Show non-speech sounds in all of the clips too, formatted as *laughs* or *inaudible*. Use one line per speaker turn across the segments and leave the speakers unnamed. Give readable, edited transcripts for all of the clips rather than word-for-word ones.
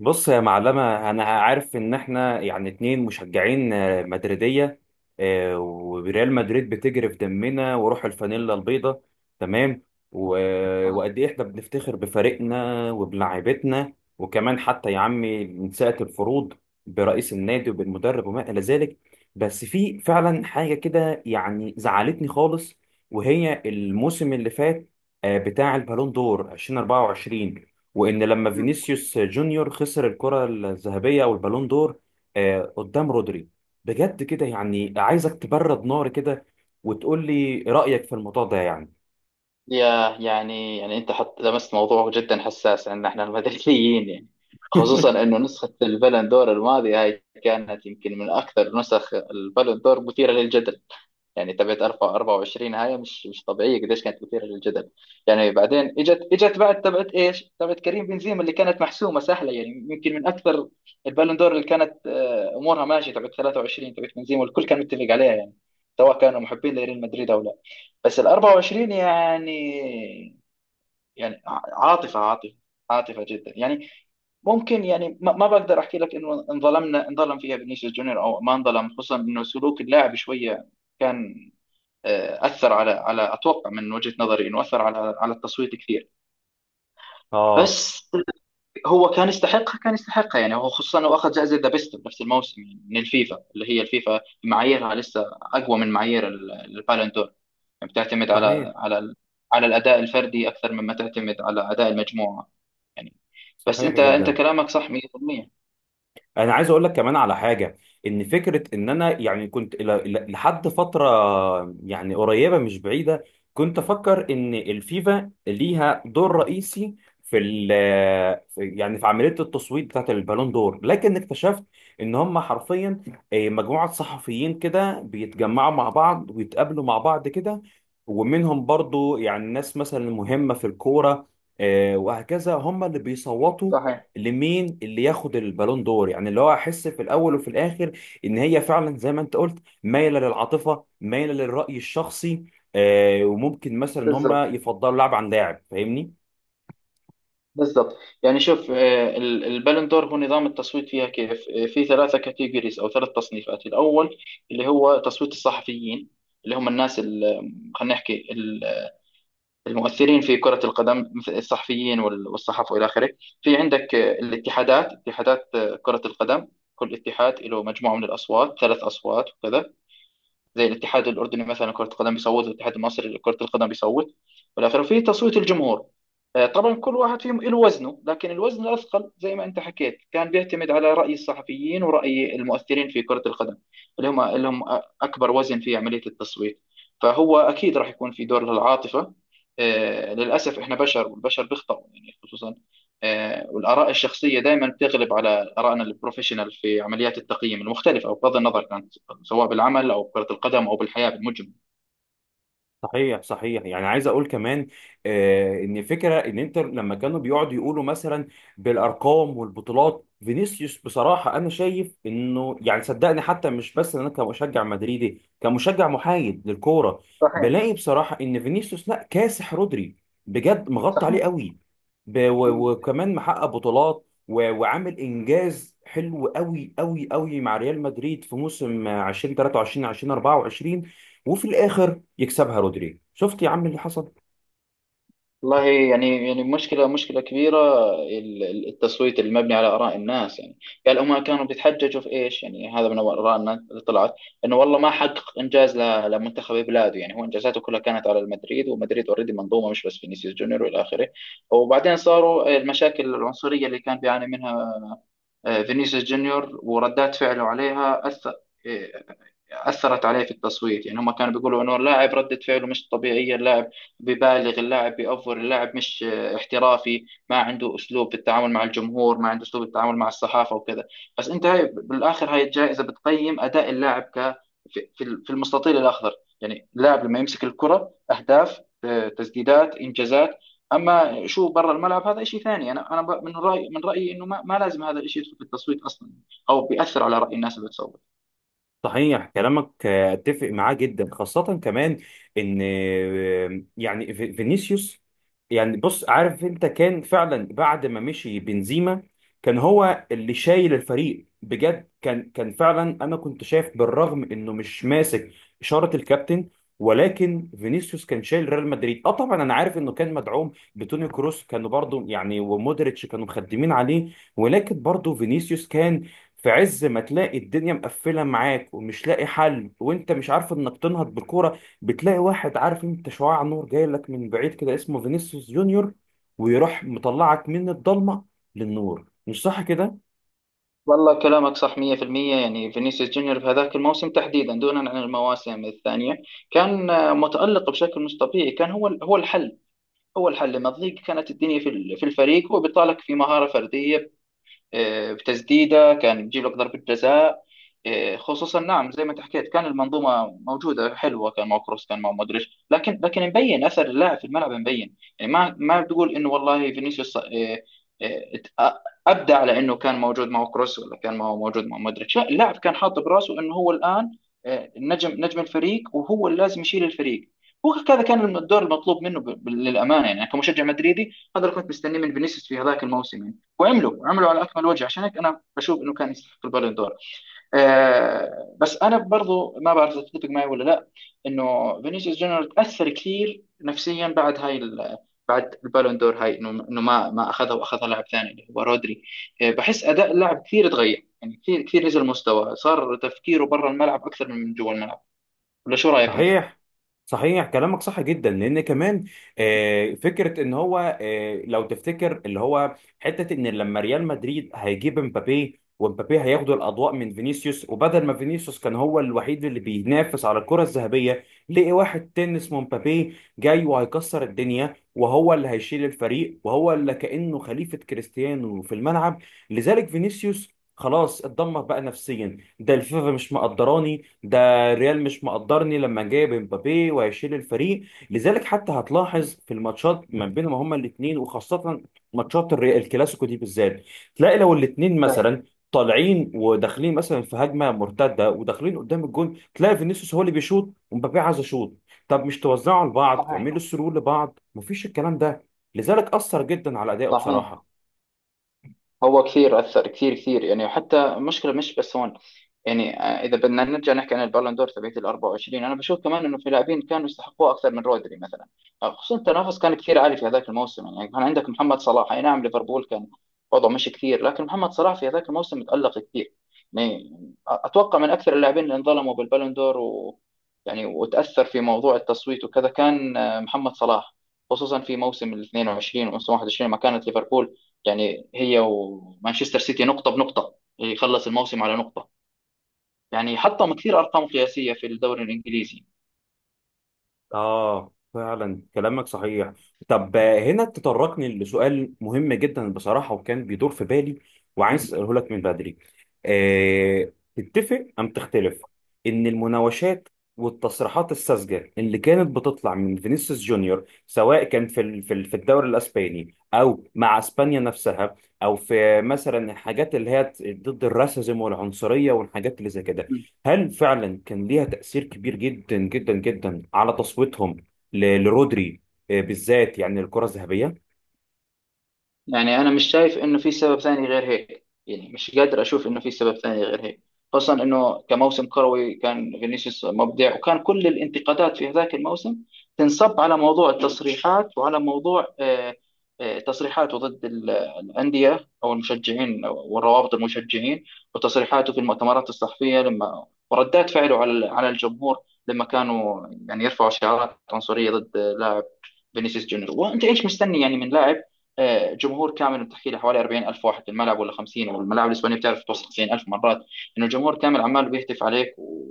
بص يا معلمة، أنا عارف إن إحنا يعني اتنين مشجعين مدريدية. وريال مدريد بتجري في دمنا وروح الفانيلا البيضاء. تمام. و-
آه.
وقد إيه إحنا بنفتخر بفريقنا وبلاعيبتنا وكمان حتى يا عمي من ساعة الفروض برئيس النادي وبالمدرب وما إلى ذلك. بس في فعلا حاجة كده يعني زعلتني خالص، وهي الموسم اللي فات، بتاع البالون دور 2024، وان لما
مم.
فينيسيوس جونيور خسر الكرة الذهبية او البالون دور قدام رودري. بجد كده يعني عايزك تبرد نار كده وتقول لي رأيك في الموضوع ده يعني.
يا يعني انت حط لمست موضوع جدا حساس عندنا احنا المدريديين، يعني خصوصا
*laughs*
انه نسخة البالون دور الماضية هاي كانت يمكن من اكثر نسخ البالون دور مثيرة للجدل. يعني تبعت 24 هاي مش طبيعيه، قديش كانت مثيره للجدل. يعني بعدين اجت بعد تبعت ايش؟ تبعت كريم بنزيما اللي كانت محسومه سهله، يعني يمكن من اكثر البالون دور اللي كانت امورها ماشيه، تبعت 23، تبعت بنزيما والكل كان متفق عليها، يعني سواء كانوا محبين لريال مدريد او لا. بس ال 24 يعني، يعني عاطفه، عاطفه، عاطفه جدا يعني. ممكن يعني ما بقدر احكي لك انه انظلمنا انظلم فيها فينيسيوس جونيور او ما انظلم. خصوصا انه سلوك اللاعب شويه كان، اثر على اتوقع من وجهه نظري انه اثر على التصويت كثير.
اه،
بس هو كان يستحقها، كان يستحقها. يعني هو خصوصا انه اخذ جائزه ذا بيست بنفس الموسم، يعني من الفيفا اللي هي الفيفا معاييرها لسه اقوى من معايير البالون دور. يعني بتعتمد
صحيح
على الاداء الفردي اكثر مما تعتمد على اداء المجموعه يعني. بس
صحيح
انت
جدا.
كلامك صح 100%.
انا عايز اقول لك كمان على حاجه. ان فكره ان انا يعني كنت لحد فتره، يعني قريبه مش بعيده، كنت افكر ان الفيفا ليها دور رئيسي في ال في- يعني في عمليه التصويت بتاعت البالون دور، لكن اكتشفت ان هم حرفيا مجموعه صحفيين كده بيتجمعوا مع بعض ويتقابلوا مع بعض كده، ومنهم برضو يعني ناس مثلا مهمه في الكوره، وهكذا هم اللي بيصوتوا
صحيح.
لمين اللي ياخد البالون دور، يعني اللي هو احس في الاول وفي الاخر ان هي فعلا زي ما انت قلت مايله للعاطفه مايله للراي الشخصي. وممكن مثلا ان هم
بالضبط،
يفضلوا لاعب عن لاعب، فاهمني؟
بالضبط. يعني شوف، البالندور هو نظام التصويت فيها كيف. في ثلاثة كاتيجوريز أو ثلاث تصنيفات. الأول اللي هو تصويت الصحفيين، اللي هم الناس خلينا نحكي المؤثرين في كرة القدم مثل الصحفيين والصحف وإلى آخره. في عندك اتحادات كرة القدم. كل اتحاد له مجموعة من الأصوات، ثلاث أصوات وكذا، زي الاتحاد الأردني مثلا كرة القدم بيصوت، والاتحاد المصري لكرة القدم بيصوت. والآخر في تصويت الجمهور. طبعا كل واحد فيهم له وزنه، لكن الوزن الأثقل زي ما أنت حكيت كان بيعتمد على رأي الصحفيين ورأي المؤثرين في كرة القدم. اللي هم أكبر وزن في عملية التصويت. فهو أكيد راح يكون في دور للعاطفة. للأسف إحنا بشر والبشر بيخطئوا، يعني خصوصا. والآراء الشخصية دائما بتغلب على آرائنا البروفيشنال في عمليات التقييم المختلفة، أو بغض النظر كانت سواء بالعمل أو كرة القدم أو بالحياة بالمجمل.
صحيح صحيح، يعني عايز اقول كمان ان فكره ان انتر لما كانوا بيقعدوا يقولوا مثلا بالارقام والبطولات، فينيسيوس بصراحه انا شايف انه يعني صدقني، حتى مش بس انا كمشجع مدريدي، كمشجع محايد للكوره
صحيح،
بلاقي بصراحه ان فينيسيوس لا كاسح رودري، بجد مغطى
صحيح.
عليه قوي،
مم.
وكمان محقق بطولات و- وعامل انجاز حلو قوي قوي قوي مع ريال مدريد في موسم 2023 2024. وفي الاخر يكسبها رودري، شفت يا عم اللي حصل.
والله، يعني مشكلة، مشكلة كبيرة. التصويت المبني على آراء الناس يعني. قال هم كانوا بيتحججوا في إيش؟ يعني هذا من آراء الناس اللي طلعت. إنه والله ما حقق إنجاز لمنتخب بلاده. يعني هو إنجازاته كلها كانت على المدريد، ومدريد أوريدي منظومة مش بس فينيسيوس جونيور وإلى آخره. وبعدين صاروا المشاكل العنصرية اللي كان بيعاني منها فينيسيوس جونيور، وردات فعله عليها أثر. آه، أثرت عليه في التصويت. يعني هم كانوا بيقولوا إنه اللاعب ردة فعله مش طبيعية، اللاعب ببالغ، اللاعب بيأفور، اللاعب مش احترافي، ما عنده أسلوب في التعامل مع الجمهور، ما عنده أسلوب التعامل مع الصحافة وكذا. بس أنت، هاي بالآخر هاي الجائزة بتقيم أداء اللاعب في المستطيل الأخضر. يعني اللاعب لما يمسك الكرة أهداف، تسديدات، إنجازات. أما شو برا الملعب هذا شيء ثاني. أنا، من رأيي إنه ما لازم هذا الشيء يدخل في التصويت أصلا، أو بيأثر على رأي الناس اللي بتصوت.
صحيح كلامك، اتفق معاه جدا، خاصة كمان ان يعني فينيسيوس، يعني بص عارف انت كان فعلا بعد ما مشي بنزيما كان هو اللي شايل الفريق بجد، كان فعلا انا كنت شايف بالرغم انه مش ماسك اشارة الكابتن، ولكن فينيسيوس كان شايل ريال مدريد. اه، طبعا انا عارف انه كان مدعوم بتوني كروس، كانوا برضو يعني ومودريتش كانوا مخدمين عليه، ولكن برضو فينيسيوس كان في عز ما تلاقي الدنيا مقفله معاك ومش لاقي حل وانت مش عارف انك تنهض بالكوره، بتلاقي واحد، عارف انت، شعاع نور جاي لك من بعيد كده اسمه فينيسيوس جونيور، ويروح مطلعك من الضلمه للنور. مش صح كده؟
والله كلامك صح 100%. يعني فينيسيوس جونيور في هذاك الموسم تحديدا دونا عن المواسم الثانية، كان متألق بشكل مش طبيعي. كان هو الحل. هو الحل لما تضيق كانت الدنيا في في الفريق، هو بيطالك في مهارة فردية. بتسديده كان بيجيب لك ضربه جزاء. خصوصا نعم، زي ما انت حكيت كان المنظومه موجوده حلوه، كان مع كروس، كان مع مودريتش، لكن مبين اثر اللاعب في الملعب مبين. يعني ما بتقول انه والله فينيسيوس آه، ات- ابدع على انه كان موجود مع كروس، ولا كان ما هو موجود مع مودريتش. لا، اللاعب كان حاط براسه انه هو الان نجم الفريق وهو اللي لازم يشيل الفريق. هو هكذا كان الدور المطلوب منه، للامانه. يعني أنا كمشجع مدريدي هذا اللي كنت مستنيه من فينيسيوس في هذاك الموسم، يعني وعملوا على اكمل وجه. عشان هيك انا بشوف انه كان يستحق البالون دور. بس انا برضو ما بعرف اذا تتفق معي ولا لا، انه فينيسيوس جونيور تاثر كثير نفسيا بعد هاي بعد البالون دور هاي، انه ما اخذها واخذها لاعب ثاني اللي هو رودري. بحس اداء اللاعب كثير تغير، يعني كثير كثير نزل مستوى، صار تفكيره برا الملعب اكثر من جوا الملعب. ولا شو رايك انت؟
صحيح صحيح، كلامك صح جدا، لان كمان فكره ان هو، لو تفتكر اللي هو حته ان لما ريال مدريد هيجيب امبابي، وامبابي هياخدوا الاضواء من فينيسيوس، وبدل ما فينيسيوس كان هو الوحيد اللي بينافس على الكره الذهبيه، لقي واحد تاني اسمه امبابي جاي وهيكسر الدنيا وهو اللي هيشيل الفريق وهو اللي كانه خليفه كريستيانو في الملعب. لذلك فينيسيوس خلاص اتدمر بقى نفسيا، ده الفيفا مش مقدراني، ده الريال مش مقدرني لما جايب امبابي وهيشيل الفريق. لذلك حتى هتلاحظ في الماتشات ما بينهم هما الاثنين، وخاصة ماتشات الكلاسيكو دي بالذات، تلاقي لو الاثنين
صحيح،
مثلا طالعين وداخلين مثلا في هجمه مرتده وداخلين قدام الجون، تلاقي فينيسيوس هو اللي بيشوط ومبابي عايز يشوط. طب مش توزعوا لبعض،
صحيح.
تعملوا سرور لبعض، مفيش الكلام ده. لذلك اثر جدا على ادائه بصراحه.
صحيح. هو كثير أثر، كثير كثير. يعني حتى المشكلة مش بس هون. يعني إذا بدنا نرجع نحكي عن البالون دور تبعت ال 24، أنا بشوف كمان إنه في لاعبين كانوا يستحقوها أكثر من رودري مثلا. خصوصا التنافس كان كثير عالي في هذاك الموسم. يعني كان عندك محمد صلاح، أي نعم ليفربول كان وضعه مش كثير، لكن محمد صلاح في هذاك الموسم تألق كثير. يعني أتوقع من أكثر اللاعبين اللي انظلموا بالبالون دور، و، يعني وتأثر في موضوع التصويت وكذا، كان محمد صلاح. خصوصا في موسم ال 22 وموسم 21 ما كانت ليفربول، يعني هي ومانشستر سيتي نقطة بنقطة، يخلص الموسم على نقطة. يعني حطم كثير أرقام قياسية في الدوري الإنجليزي.
فعلا كلامك صحيح. طب هنا تطرقني لسؤال مهم جدا بصراحة، وكان بيدور في بالي وعايز أسأله لك من بدري، تتفق أم تختلف إن المناوشات والتصريحات الساذجة اللي كانت بتطلع من فينيسيوس جونيور، سواء كان في الدوري الأسباني أو مع أسبانيا نفسها، أو في مثلا الحاجات اللي هي ضد الراسيزم والعنصرية والحاجات اللي زي كده، هل فعلا كان ليها تأثير كبير جدا جدا جدا على تصويتهم لرودري بالذات، يعني الكرة الذهبية؟
يعني انا مش شايف انه في سبب ثاني غير هيك. يعني مش قادر اشوف انه في سبب ثاني غير هيك. خاصة انه كموسم كروي كان فينيسيوس مبدع، وكان كل الانتقادات في هذاك الموسم تنصب على موضوع التصريحات وعلى موضوع تصريحاته ضد الأندية أو المشجعين، والروابط المشجعين، وتصريحاته في المؤتمرات الصحفية، لما وردات فعله على الجمهور لما كانوا يعني يرفعوا شعارات عنصرية ضد لاعب، فينيسيوس جونيور. وانت ايش مستني يعني من لاعب؟ جمهور كامل بتحكي له حوالي 40,000 واحد في الملعب ولا 50، والملاعب الاسبانيه بتعرف توصل 90,000 مرات، انه الجمهور كامل عمال بيهتف عليك و...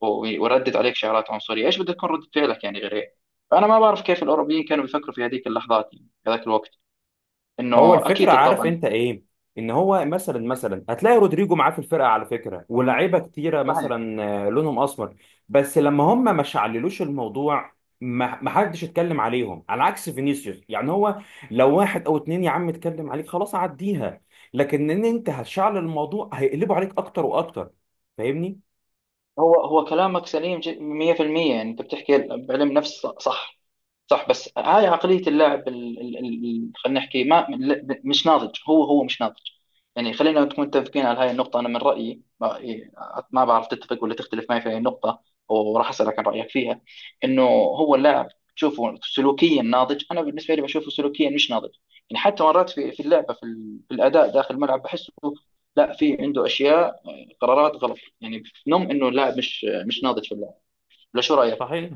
وردت عليك شعارات عنصريه، ايش بدها تكون رده فعلك يعني غير هيك؟ فانا ما بعرف كيف الاوروبيين كانوا بيفكروا في هذيك اللحظات، يعني في هذاك الوقت،
هو
انه
الفكرة،
اكيد
عارف
طبعا.
انت ايه؟ ان هو مثلا هتلاقي رودريجو معاه في الفرقة على فكرة ولاعيبة كتيرة
صحيح.
مثلا لونهم اسمر، بس لما هم ما شعللوش الموضوع ما حدش اتكلم عليهم، على عكس فينيسيوس. يعني هو لو واحد او اتنين يا عم اتكلم عليك خلاص عديها، لكن ان انت هتشعل الموضوع هيقلبوا عليك اكتر واكتر، فاهمني؟
هو كلامك سليم 100%. يعني انت بتحكي بعلم نفس صح. صح. بس هاي عقلية اللاعب خلينا نحكي ما لا- مش ناضج. هو مش ناضج. يعني خلينا نكون متفقين على هاي النقطة. أنا من رأيي ما بعرف تتفق ولا تختلف معي في هاي النقطة، وراح أسألك عن رأيك فيها. إنه هو اللاعب تشوفه سلوكيا ناضج؟ أنا بالنسبة لي بشوفه سلوكيا مش ناضج. يعني حتى مرات في اللعبة، في الأداء داخل الملعب بحسه لا، في عنده أشياء، قرارات غلط. يعني نم إنه اللاعب مش ناضج في اللعب. ولا شو رأيك؟
صحيح،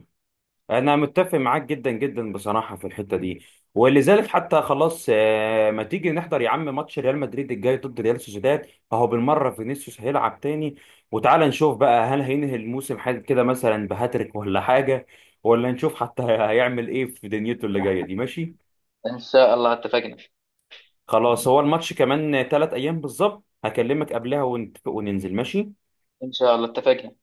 انا متفق معاك جدا جدا بصراحه في الحته دي. ولذلك حتى خلاص، ما تيجي نحضر يا عم ماتش ريال مدريد الجاي ضد ريال سوسيداد، اهو بالمره فينيسيوس هيلعب تاني، وتعالى نشوف بقى هل هينهي الموسم حاجه كده مثلا بهاتريك ولا حاجه، ولا نشوف حتى *laughs* هيعمل ايه في دنيته اللي جايه دي. ماشي،
إن شاء الله اتفقنا.
خلاص، هو الماتش كمان 3 ايام بالظبط، هكلمك قبلها ونتفق وننزل. ماشي.
إن شاء الله اتفقنا.